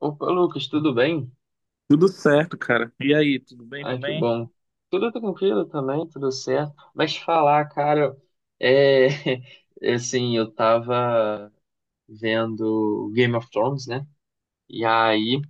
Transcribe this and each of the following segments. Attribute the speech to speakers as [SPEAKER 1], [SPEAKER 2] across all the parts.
[SPEAKER 1] Opa, Lucas, tudo bem?
[SPEAKER 2] Tudo certo, cara. E aí, tudo bem
[SPEAKER 1] Ai, que
[SPEAKER 2] também?
[SPEAKER 1] bom. Tudo tranquilo também, tudo certo. Mas falar, cara, é assim, eu tava vendo Game of Thrones, né? E aí,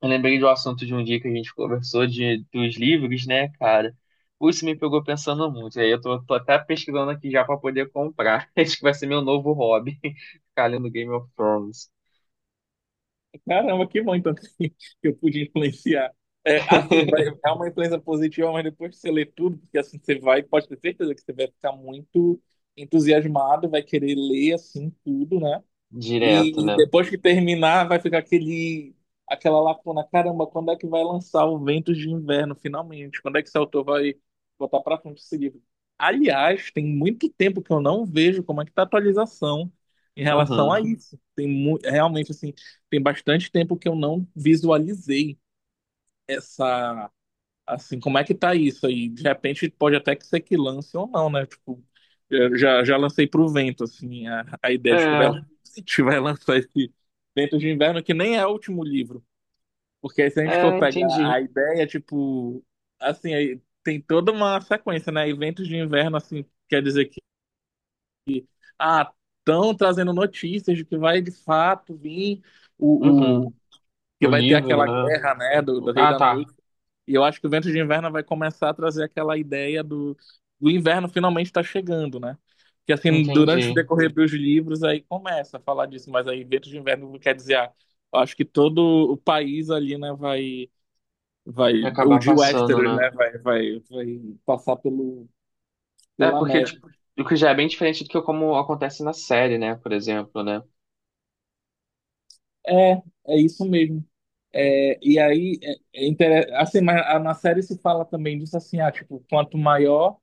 [SPEAKER 1] eu lembrei do assunto de um dia que a gente conversou dos livros, né, cara? Pô, isso me pegou pensando muito. E aí eu tô até pesquisando aqui já pra poder comprar. Acho que vai ser meu novo hobby, ficar lendo Game of Thrones.
[SPEAKER 2] Caramba, que bom então que eu pude influenciar. É, assim, vai, é uma influência positiva, mas depois que você lê tudo, porque assim você vai, pode ter certeza que você vai ficar muito entusiasmado, vai querer ler assim tudo, né?
[SPEAKER 1] Direto,
[SPEAKER 2] E
[SPEAKER 1] né?
[SPEAKER 2] depois que terminar, vai ficar aquela lacuna. Caramba, quando é que vai lançar o Ventos de Inverno, finalmente? Quando é que esse autor vai botar pra frente esse livro? Aliás, tem muito tempo que eu não vejo como é que tá a atualização em relação a
[SPEAKER 1] Uhum.
[SPEAKER 2] isso. Realmente, assim, tem bastante tempo que eu não visualizei essa. Assim, como é que tá isso aí? De repente pode até que ser que lance ou não, né? Tipo, eu já lancei pro vento, assim, a ideia de que vai,
[SPEAKER 1] É,
[SPEAKER 2] se tiver lançar esse Ventos de Inverno, que nem é o último livro. Porque aí, se a gente for
[SPEAKER 1] é,
[SPEAKER 2] pegar
[SPEAKER 1] entendi.
[SPEAKER 2] a ideia, tipo, assim, aí tem toda uma sequência, né? Eventos de Inverno, assim, quer dizer que, ah, estão trazendo notícias de que vai de fato vir
[SPEAKER 1] Uhum.
[SPEAKER 2] o, que
[SPEAKER 1] O
[SPEAKER 2] vai ter
[SPEAKER 1] livro,
[SPEAKER 2] aquela
[SPEAKER 1] né?
[SPEAKER 2] guerra, né, do Rei
[SPEAKER 1] Ah,
[SPEAKER 2] da
[SPEAKER 1] tá.
[SPEAKER 2] Noite. E eu acho que o Vento de Inverno vai começar a trazer aquela ideia do inverno finalmente está chegando, né? Que assim, durante o
[SPEAKER 1] Entendi.
[SPEAKER 2] decorrer dos livros, aí começa a falar disso, mas aí Vento de Inverno quer dizer, eu acho que todo o país ali, né, vai,
[SPEAKER 1] E
[SPEAKER 2] o
[SPEAKER 1] acabar
[SPEAKER 2] de
[SPEAKER 1] passando,
[SPEAKER 2] Westeros,
[SPEAKER 1] né?
[SPEAKER 2] né, vai passar
[SPEAKER 1] É,
[SPEAKER 2] pela
[SPEAKER 1] porque,
[SPEAKER 2] neve.
[SPEAKER 1] tipo, o que já é bem diferente do que como acontece na série, né? Por exemplo, né?
[SPEAKER 2] É, é isso mesmo. É, e aí, assim, mas na série se fala também disso assim, tipo, quanto maior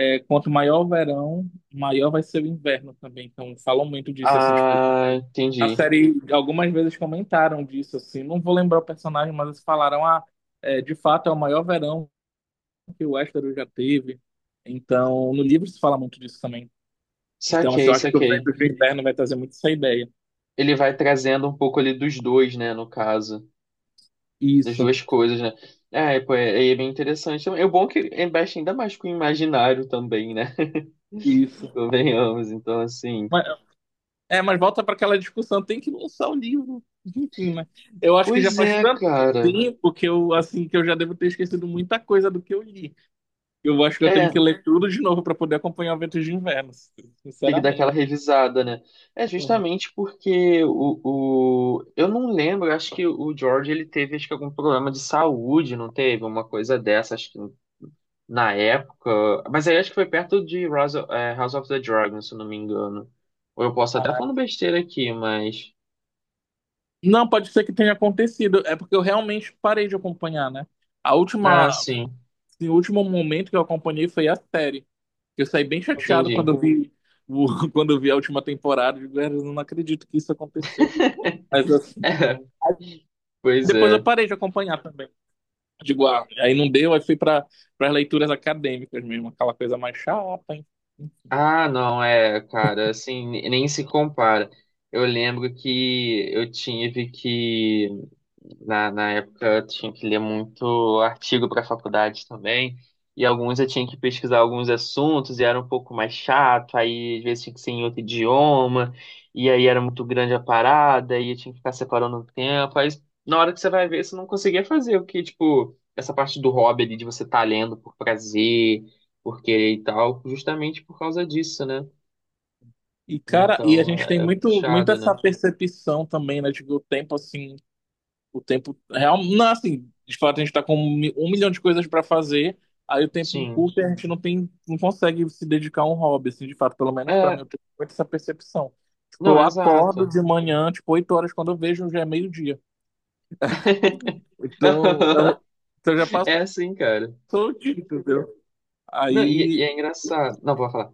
[SPEAKER 2] É, quanto maior o verão, maior vai ser o inverno também. Então, falam muito disso, assim, tipo,
[SPEAKER 1] Ah,
[SPEAKER 2] a
[SPEAKER 1] entendi.
[SPEAKER 2] série, algumas vezes comentaram disso, assim, não vou lembrar o personagem, mas eles falaram, de fato é o maior verão que o Westeros já teve. Então, no livro se fala muito disso também. Então, assim,
[SPEAKER 1] Saquei,
[SPEAKER 2] eu acho que o
[SPEAKER 1] saquei.
[SPEAKER 2] vento do inverno vai trazer muito essa ideia.
[SPEAKER 1] Ele vai trazendo um pouco ali dos dois, né? No caso, das
[SPEAKER 2] Isso,
[SPEAKER 1] duas coisas, né? É, pô, é bem interessante. É bom que investe ainda mais com o imaginário também, né?
[SPEAKER 2] isso.
[SPEAKER 1] Convenhamos, então, assim.
[SPEAKER 2] Mas- mas volta para aquela discussão, tem que lançar o livro. Enfim, né? Eu acho que já
[SPEAKER 1] Pois
[SPEAKER 2] faz
[SPEAKER 1] é,
[SPEAKER 2] tanto
[SPEAKER 1] cara.
[SPEAKER 2] tempo que eu, assim, que eu já devo ter esquecido muita coisa do que eu li. Eu acho que eu tenho
[SPEAKER 1] É,
[SPEAKER 2] que ler tudo de novo para poder acompanhar o Ventos de Inverno,
[SPEAKER 1] tem que dar aquela
[SPEAKER 2] sinceramente.
[SPEAKER 1] revisada, né? É
[SPEAKER 2] Uhum.
[SPEAKER 1] justamente porque Eu não lembro, acho que o George ele teve acho que algum problema de saúde, não teve? Uma coisa dessa, acho que na época. Mas aí acho que foi perto de House of the Dragon, se eu não me engano. Ou eu posso até estar
[SPEAKER 2] Ah,
[SPEAKER 1] falando besteira aqui, mas.
[SPEAKER 2] não, pode ser que tenha acontecido. É porque eu realmente parei de acompanhar, né? A última,
[SPEAKER 1] Ah, sim,
[SPEAKER 2] assim, o último momento que eu acompanhei foi a série. Eu saí bem chateado
[SPEAKER 1] entendi.
[SPEAKER 2] quando eu vi, o- quando eu vi a última temporada. Eu digo, "Ah, eu não acredito que isso aconteceu." Mas eu-
[SPEAKER 1] É, pois
[SPEAKER 2] depois eu
[SPEAKER 1] é.
[SPEAKER 2] parei de acompanhar também. Digo, aí não deu, aí fui para as leituras acadêmicas mesmo, aquela coisa mais chata.
[SPEAKER 1] Ah, não, é, cara, assim, nem se compara. Eu lembro que eu tive que, na época, eu tinha que ler muito artigo para a faculdade também, e alguns eu tinha que pesquisar alguns assuntos, e era um pouco mais chato, aí às vezes tinha que ser em outro idioma, e aí era muito grande a parada, e eu tinha que ficar separando o tempo, aí na hora que você vai ver, você não conseguia fazer o que, tipo, essa parte do hobby ali, de você estar lendo por prazer, porque e tal, justamente por causa disso, né?
[SPEAKER 2] E, cara, e a
[SPEAKER 1] Então
[SPEAKER 2] gente tem
[SPEAKER 1] é
[SPEAKER 2] muito, muito
[SPEAKER 1] puxado, né?
[SPEAKER 2] essa percepção também, né? De que o tempo, assim, o tempo real. Não, assim, de fato, a gente tá com um milhão de coisas pra fazer, aí o tempo
[SPEAKER 1] Sim.
[SPEAKER 2] encurta e a gente não tem, não consegue se dedicar a um hobby, assim, de fato, pelo menos pra mim,
[SPEAKER 1] É,
[SPEAKER 2] eu tenho muito essa percepção. Tipo,
[SPEAKER 1] não,
[SPEAKER 2] eu acordo
[SPEAKER 1] exato.
[SPEAKER 2] de manhã, tipo, 8 horas, quando eu vejo, já é meio-dia. Então, eu, então já
[SPEAKER 1] É
[SPEAKER 2] passou
[SPEAKER 1] assim, cara.
[SPEAKER 2] o dia, entendeu?
[SPEAKER 1] Não, e
[SPEAKER 2] Aí,
[SPEAKER 1] é engraçado. Não, vou falar.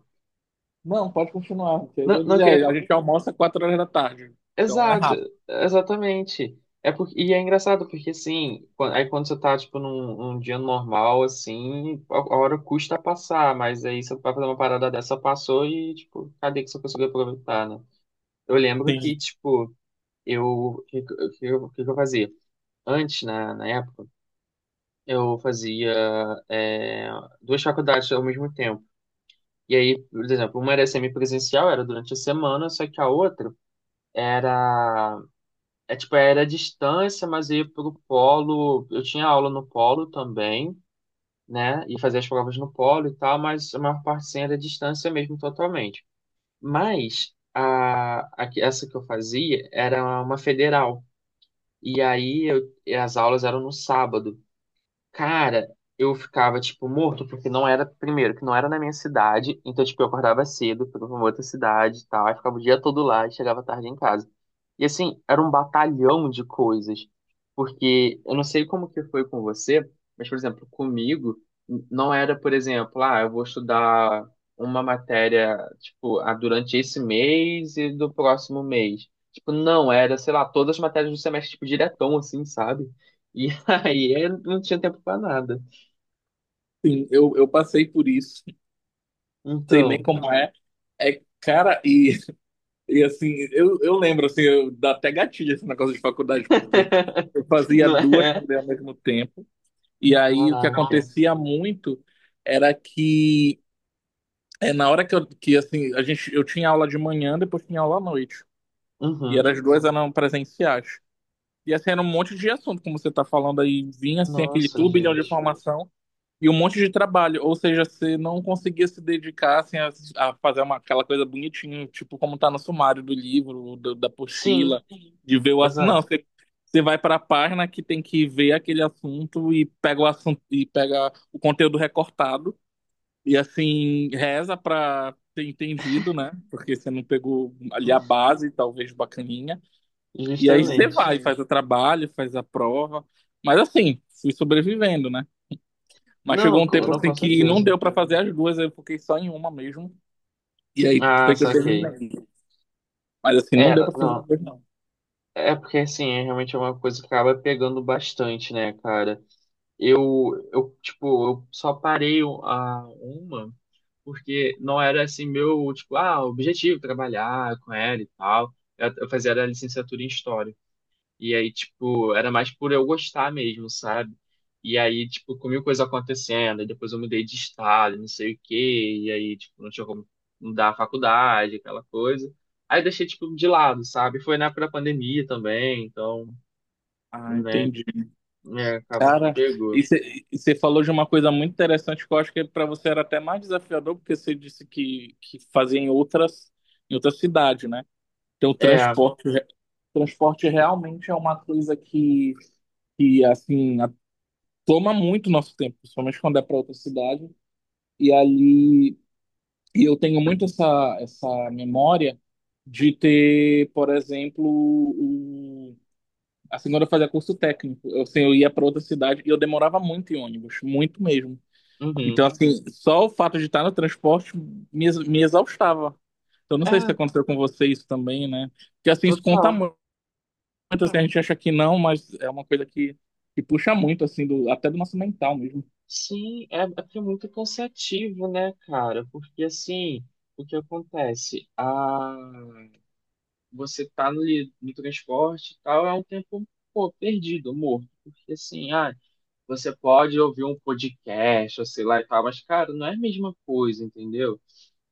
[SPEAKER 2] não, pode continuar. Porque eu
[SPEAKER 1] Não,
[SPEAKER 2] ia
[SPEAKER 1] não eu
[SPEAKER 2] dizer,
[SPEAKER 1] queria
[SPEAKER 2] aí, a
[SPEAKER 1] falar.
[SPEAKER 2] gente almoça 4 horas da tarde, então é
[SPEAKER 1] Exato,
[SPEAKER 2] rápido.
[SPEAKER 1] exatamente. É porque, e é engraçado, porque assim, aí quando você tá, tipo, num dia normal, assim, a hora custa passar, mas aí você vai fazer uma parada dessa, passou e, tipo, cadê que você conseguiu aproveitar, né? Eu lembro que, tipo, eu, o que, que- o que, eu- o que que eu fazia? Antes, na época, eu fazia é, duas faculdades ao mesmo tempo. E aí, por exemplo, uma era semipresencial, era durante a semana, só que a outra era, era à distância, mas eu ia pro polo, eu tinha aula no polo também, né? E fazia as provas no polo e tal, mas a maior parte sim era à distância mesmo, totalmente. Mas essa que eu fazia era uma federal. E aí e as aulas eram no sábado. Cara, eu ficava, tipo, morto, porque não era, primeiro, que não era na minha cidade, então, tipo, eu acordava cedo, fui pra uma outra cidade e tal, aí ficava o dia todo lá e chegava tarde em casa. E, assim, era um batalhão de coisas, porque eu não sei como que foi com você, mas, por exemplo, comigo, não era, por exemplo, ah, eu vou estudar uma matéria, tipo, ah, durante esse mês e do próximo mês. Tipo, não, era, sei lá, todas as matérias do semestre, tipo, diretão, assim, sabe? E aí eu não tinha tempo pra nada.
[SPEAKER 2] Sim, eu passei por isso, sei bem
[SPEAKER 1] Então,
[SPEAKER 2] como é. É, cara, e assim, eu lembro, assim, dá até gatilho esse negócio de faculdade, porque eu fazia
[SPEAKER 1] não
[SPEAKER 2] duas
[SPEAKER 1] é?
[SPEAKER 2] também ao mesmo tempo, e aí o que
[SPEAKER 1] Caraca.
[SPEAKER 2] acontecia muito era que, na hora que, que assim, a gente, eu tinha aula de manhã, depois tinha aula à noite, e eram
[SPEAKER 1] Uhum.
[SPEAKER 2] as duas eram presenciais. E assim, era um monte de assunto, como você tá falando aí, vinha assim, aquele
[SPEAKER 1] Nossa,
[SPEAKER 2] turbilhão de
[SPEAKER 1] gente.
[SPEAKER 2] informação. E um monte de trabalho, ou seja, você não conseguia se dedicar assim, a fazer aquela coisa bonitinha, tipo como tá no sumário do livro, da
[SPEAKER 1] Sim,
[SPEAKER 2] apostila, de ver o assunto. Não,
[SPEAKER 1] exato.
[SPEAKER 2] você vai para a página que tem que ver aquele assunto e pega o assunto e pega o conteúdo recortado e assim reza para ter entendido, né? Porque você não pegou ali a base, talvez bacaninha. E aí você
[SPEAKER 1] Justamente.
[SPEAKER 2] vai, faz o trabalho, faz a prova, mas assim, fui sobrevivendo, né? Mas
[SPEAKER 1] Não,
[SPEAKER 2] chegou um tempo
[SPEAKER 1] não,
[SPEAKER 2] assim
[SPEAKER 1] com
[SPEAKER 2] que não
[SPEAKER 1] certeza.
[SPEAKER 2] deu pra fazer as duas, eu fiquei só em uma mesmo. E aí
[SPEAKER 1] Ah,
[SPEAKER 2] foi que eu
[SPEAKER 1] saquei.
[SPEAKER 2] terminei. Mas assim,
[SPEAKER 1] É,
[SPEAKER 2] não deu pra fazer as
[SPEAKER 1] não.
[SPEAKER 2] duas, não.
[SPEAKER 1] É porque assim, é realmente uma coisa que acaba pegando bastante, né, cara? Tipo, eu só parei a uma porque não era assim meu, tipo, ah, objetivo trabalhar com ela e tal. Eu fazia a licenciatura em história. E aí, tipo, era mais por eu gostar mesmo, sabe? E aí, tipo, com mil coisas acontecendo, e depois eu mudei de estado, não sei o quê, e aí, tipo, não tinha como mudar a faculdade, aquela coisa. Aí eu deixei, tipo, de lado, sabe? Foi na época da pandemia também, então,
[SPEAKER 2] Ah,
[SPEAKER 1] né,
[SPEAKER 2] entendi.
[SPEAKER 1] é, acabou que
[SPEAKER 2] Cara,
[SPEAKER 1] pegou.
[SPEAKER 2] e você falou de uma coisa muito interessante que eu acho que pra você era até mais desafiador, porque você disse que fazia em outra cidade, né? Então, o
[SPEAKER 1] É,
[SPEAKER 2] transporte, transporte realmente é uma coisa que assim, toma muito nosso tempo, principalmente quando é para outra cidade. E ali E eu tenho muito essa memória de ter, por exemplo, assim, quando eu fazia curso técnico, assim, eu ia para outra cidade e eu demorava muito em ônibus, muito mesmo.
[SPEAKER 1] uhum.
[SPEAKER 2] Então, assim, só o fato de estar no transporte me exaustava. Então, não sei se
[SPEAKER 1] É,
[SPEAKER 2] aconteceu com você isso também, né? Porque, assim, isso conta
[SPEAKER 1] total.
[SPEAKER 2] muito, assim, a gente acha que não, mas é uma coisa que puxa muito, assim, até do nosso mental mesmo.
[SPEAKER 1] Sim, é porque é muito cansativo, né, cara? Porque, assim, o que acontece? Ah, você tá no transporte e tal, é um tempo, pô, perdido, morto. Porque assim, ah, você pode ouvir um podcast, ou sei lá e tal, mas, cara, não é a mesma coisa, entendeu?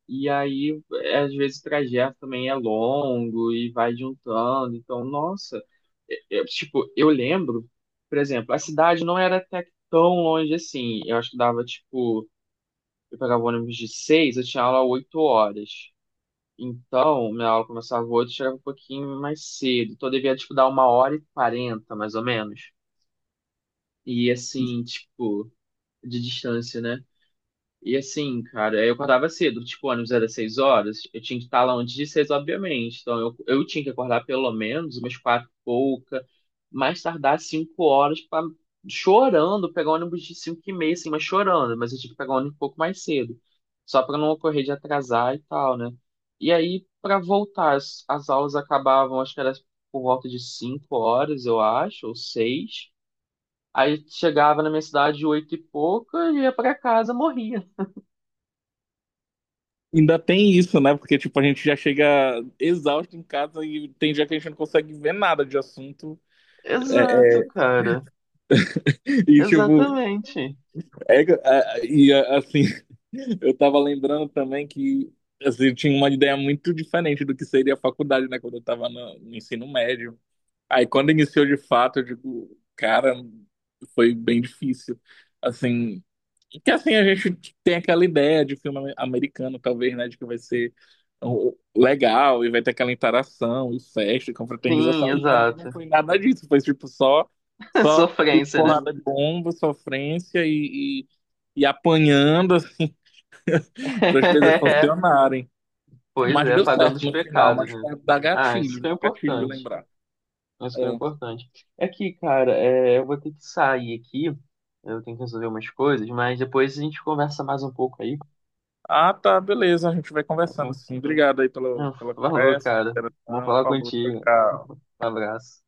[SPEAKER 1] E aí, é, às vezes, o trajeto também é longo e vai juntando. Então, nossa, eu lembro, por exemplo, a cidade não era até que tão longe assim. Eu acho que dava, tipo, eu pegava ônibus de seis, eu tinha aula 8 horas. Então, minha aula começava às chegava um pouquinho mais cedo. Então, eu devia, tipo, dar 1h40, mais ou menos. E, assim, tipo, de distância, né? E assim, cara, eu acordava cedo, tipo, o ônibus era 6 horas, eu tinha que estar lá antes de seis, obviamente. Então eu tinha que acordar pelo menos umas quatro e pouca, mais tardar 5 horas, pra, chorando, pegar o ônibus de 5h30, assim, mas chorando. Mas eu tinha que pegar o ônibus um pouco mais cedo, só pra não ocorrer de atrasar e tal, né? E aí, pra voltar, as aulas acabavam, acho que era por volta de 5 horas, eu acho, ou seis. Aí chegava na minha cidade oito e pouca, ia pra casa, morria.
[SPEAKER 2] Ainda tem isso, né? Porque, tipo, a gente já chega exausto em casa e tem dia que a gente não consegue ver nada de assunto. É,
[SPEAKER 1] Exato, cara.
[SPEAKER 2] e, tipo,
[SPEAKER 1] Exatamente.
[SPEAKER 2] e é, assim, eu tava lembrando também que assim, eu tinha uma ideia muito diferente do que seria a faculdade, né? Quando eu tava no ensino médio. Aí quando iniciou de fato, eu digo, cara, foi bem difícil. Assim, que assim a gente tem aquela ideia de filme americano, talvez, né, de que vai ser legal e vai ter aquela interação e festa, e
[SPEAKER 1] Sim,
[SPEAKER 2] confraternização. E pra mim não
[SPEAKER 1] exato.
[SPEAKER 2] foi nada disso, foi tipo só só tiro,
[SPEAKER 1] Sofrência, né?
[SPEAKER 2] porrada de bomba, sofrência e apanhando assim para as coisas funcionarem.
[SPEAKER 1] Pois
[SPEAKER 2] Mas
[SPEAKER 1] é,
[SPEAKER 2] deu
[SPEAKER 1] pagando
[SPEAKER 2] certo
[SPEAKER 1] os
[SPEAKER 2] no final,
[SPEAKER 1] pecados,
[SPEAKER 2] mas
[SPEAKER 1] né?
[SPEAKER 2] dá
[SPEAKER 1] Ah, isso que
[SPEAKER 2] gatilho,
[SPEAKER 1] é
[SPEAKER 2] gatilho de
[SPEAKER 1] importante.
[SPEAKER 2] lembrar.
[SPEAKER 1] Isso que é
[SPEAKER 2] É.
[SPEAKER 1] importante. É que, cara, eu vou ter que sair aqui. Eu tenho que resolver umas coisas, mas depois a gente conversa mais um pouco aí.
[SPEAKER 2] Ah, tá, beleza. A gente vai
[SPEAKER 1] Tá
[SPEAKER 2] conversando,
[SPEAKER 1] bom?
[SPEAKER 2] sim. Obrigado aí pela,
[SPEAKER 1] Ah,
[SPEAKER 2] pela
[SPEAKER 1] falou,
[SPEAKER 2] conversa,
[SPEAKER 1] cara.
[SPEAKER 2] pela
[SPEAKER 1] Bom
[SPEAKER 2] interação.
[SPEAKER 1] falar
[SPEAKER 2] Falou, tchau,
[SPEAKER 1] contigo.
[SPEAKER 2] tchau.
[SPEAKER 1] Um abraço.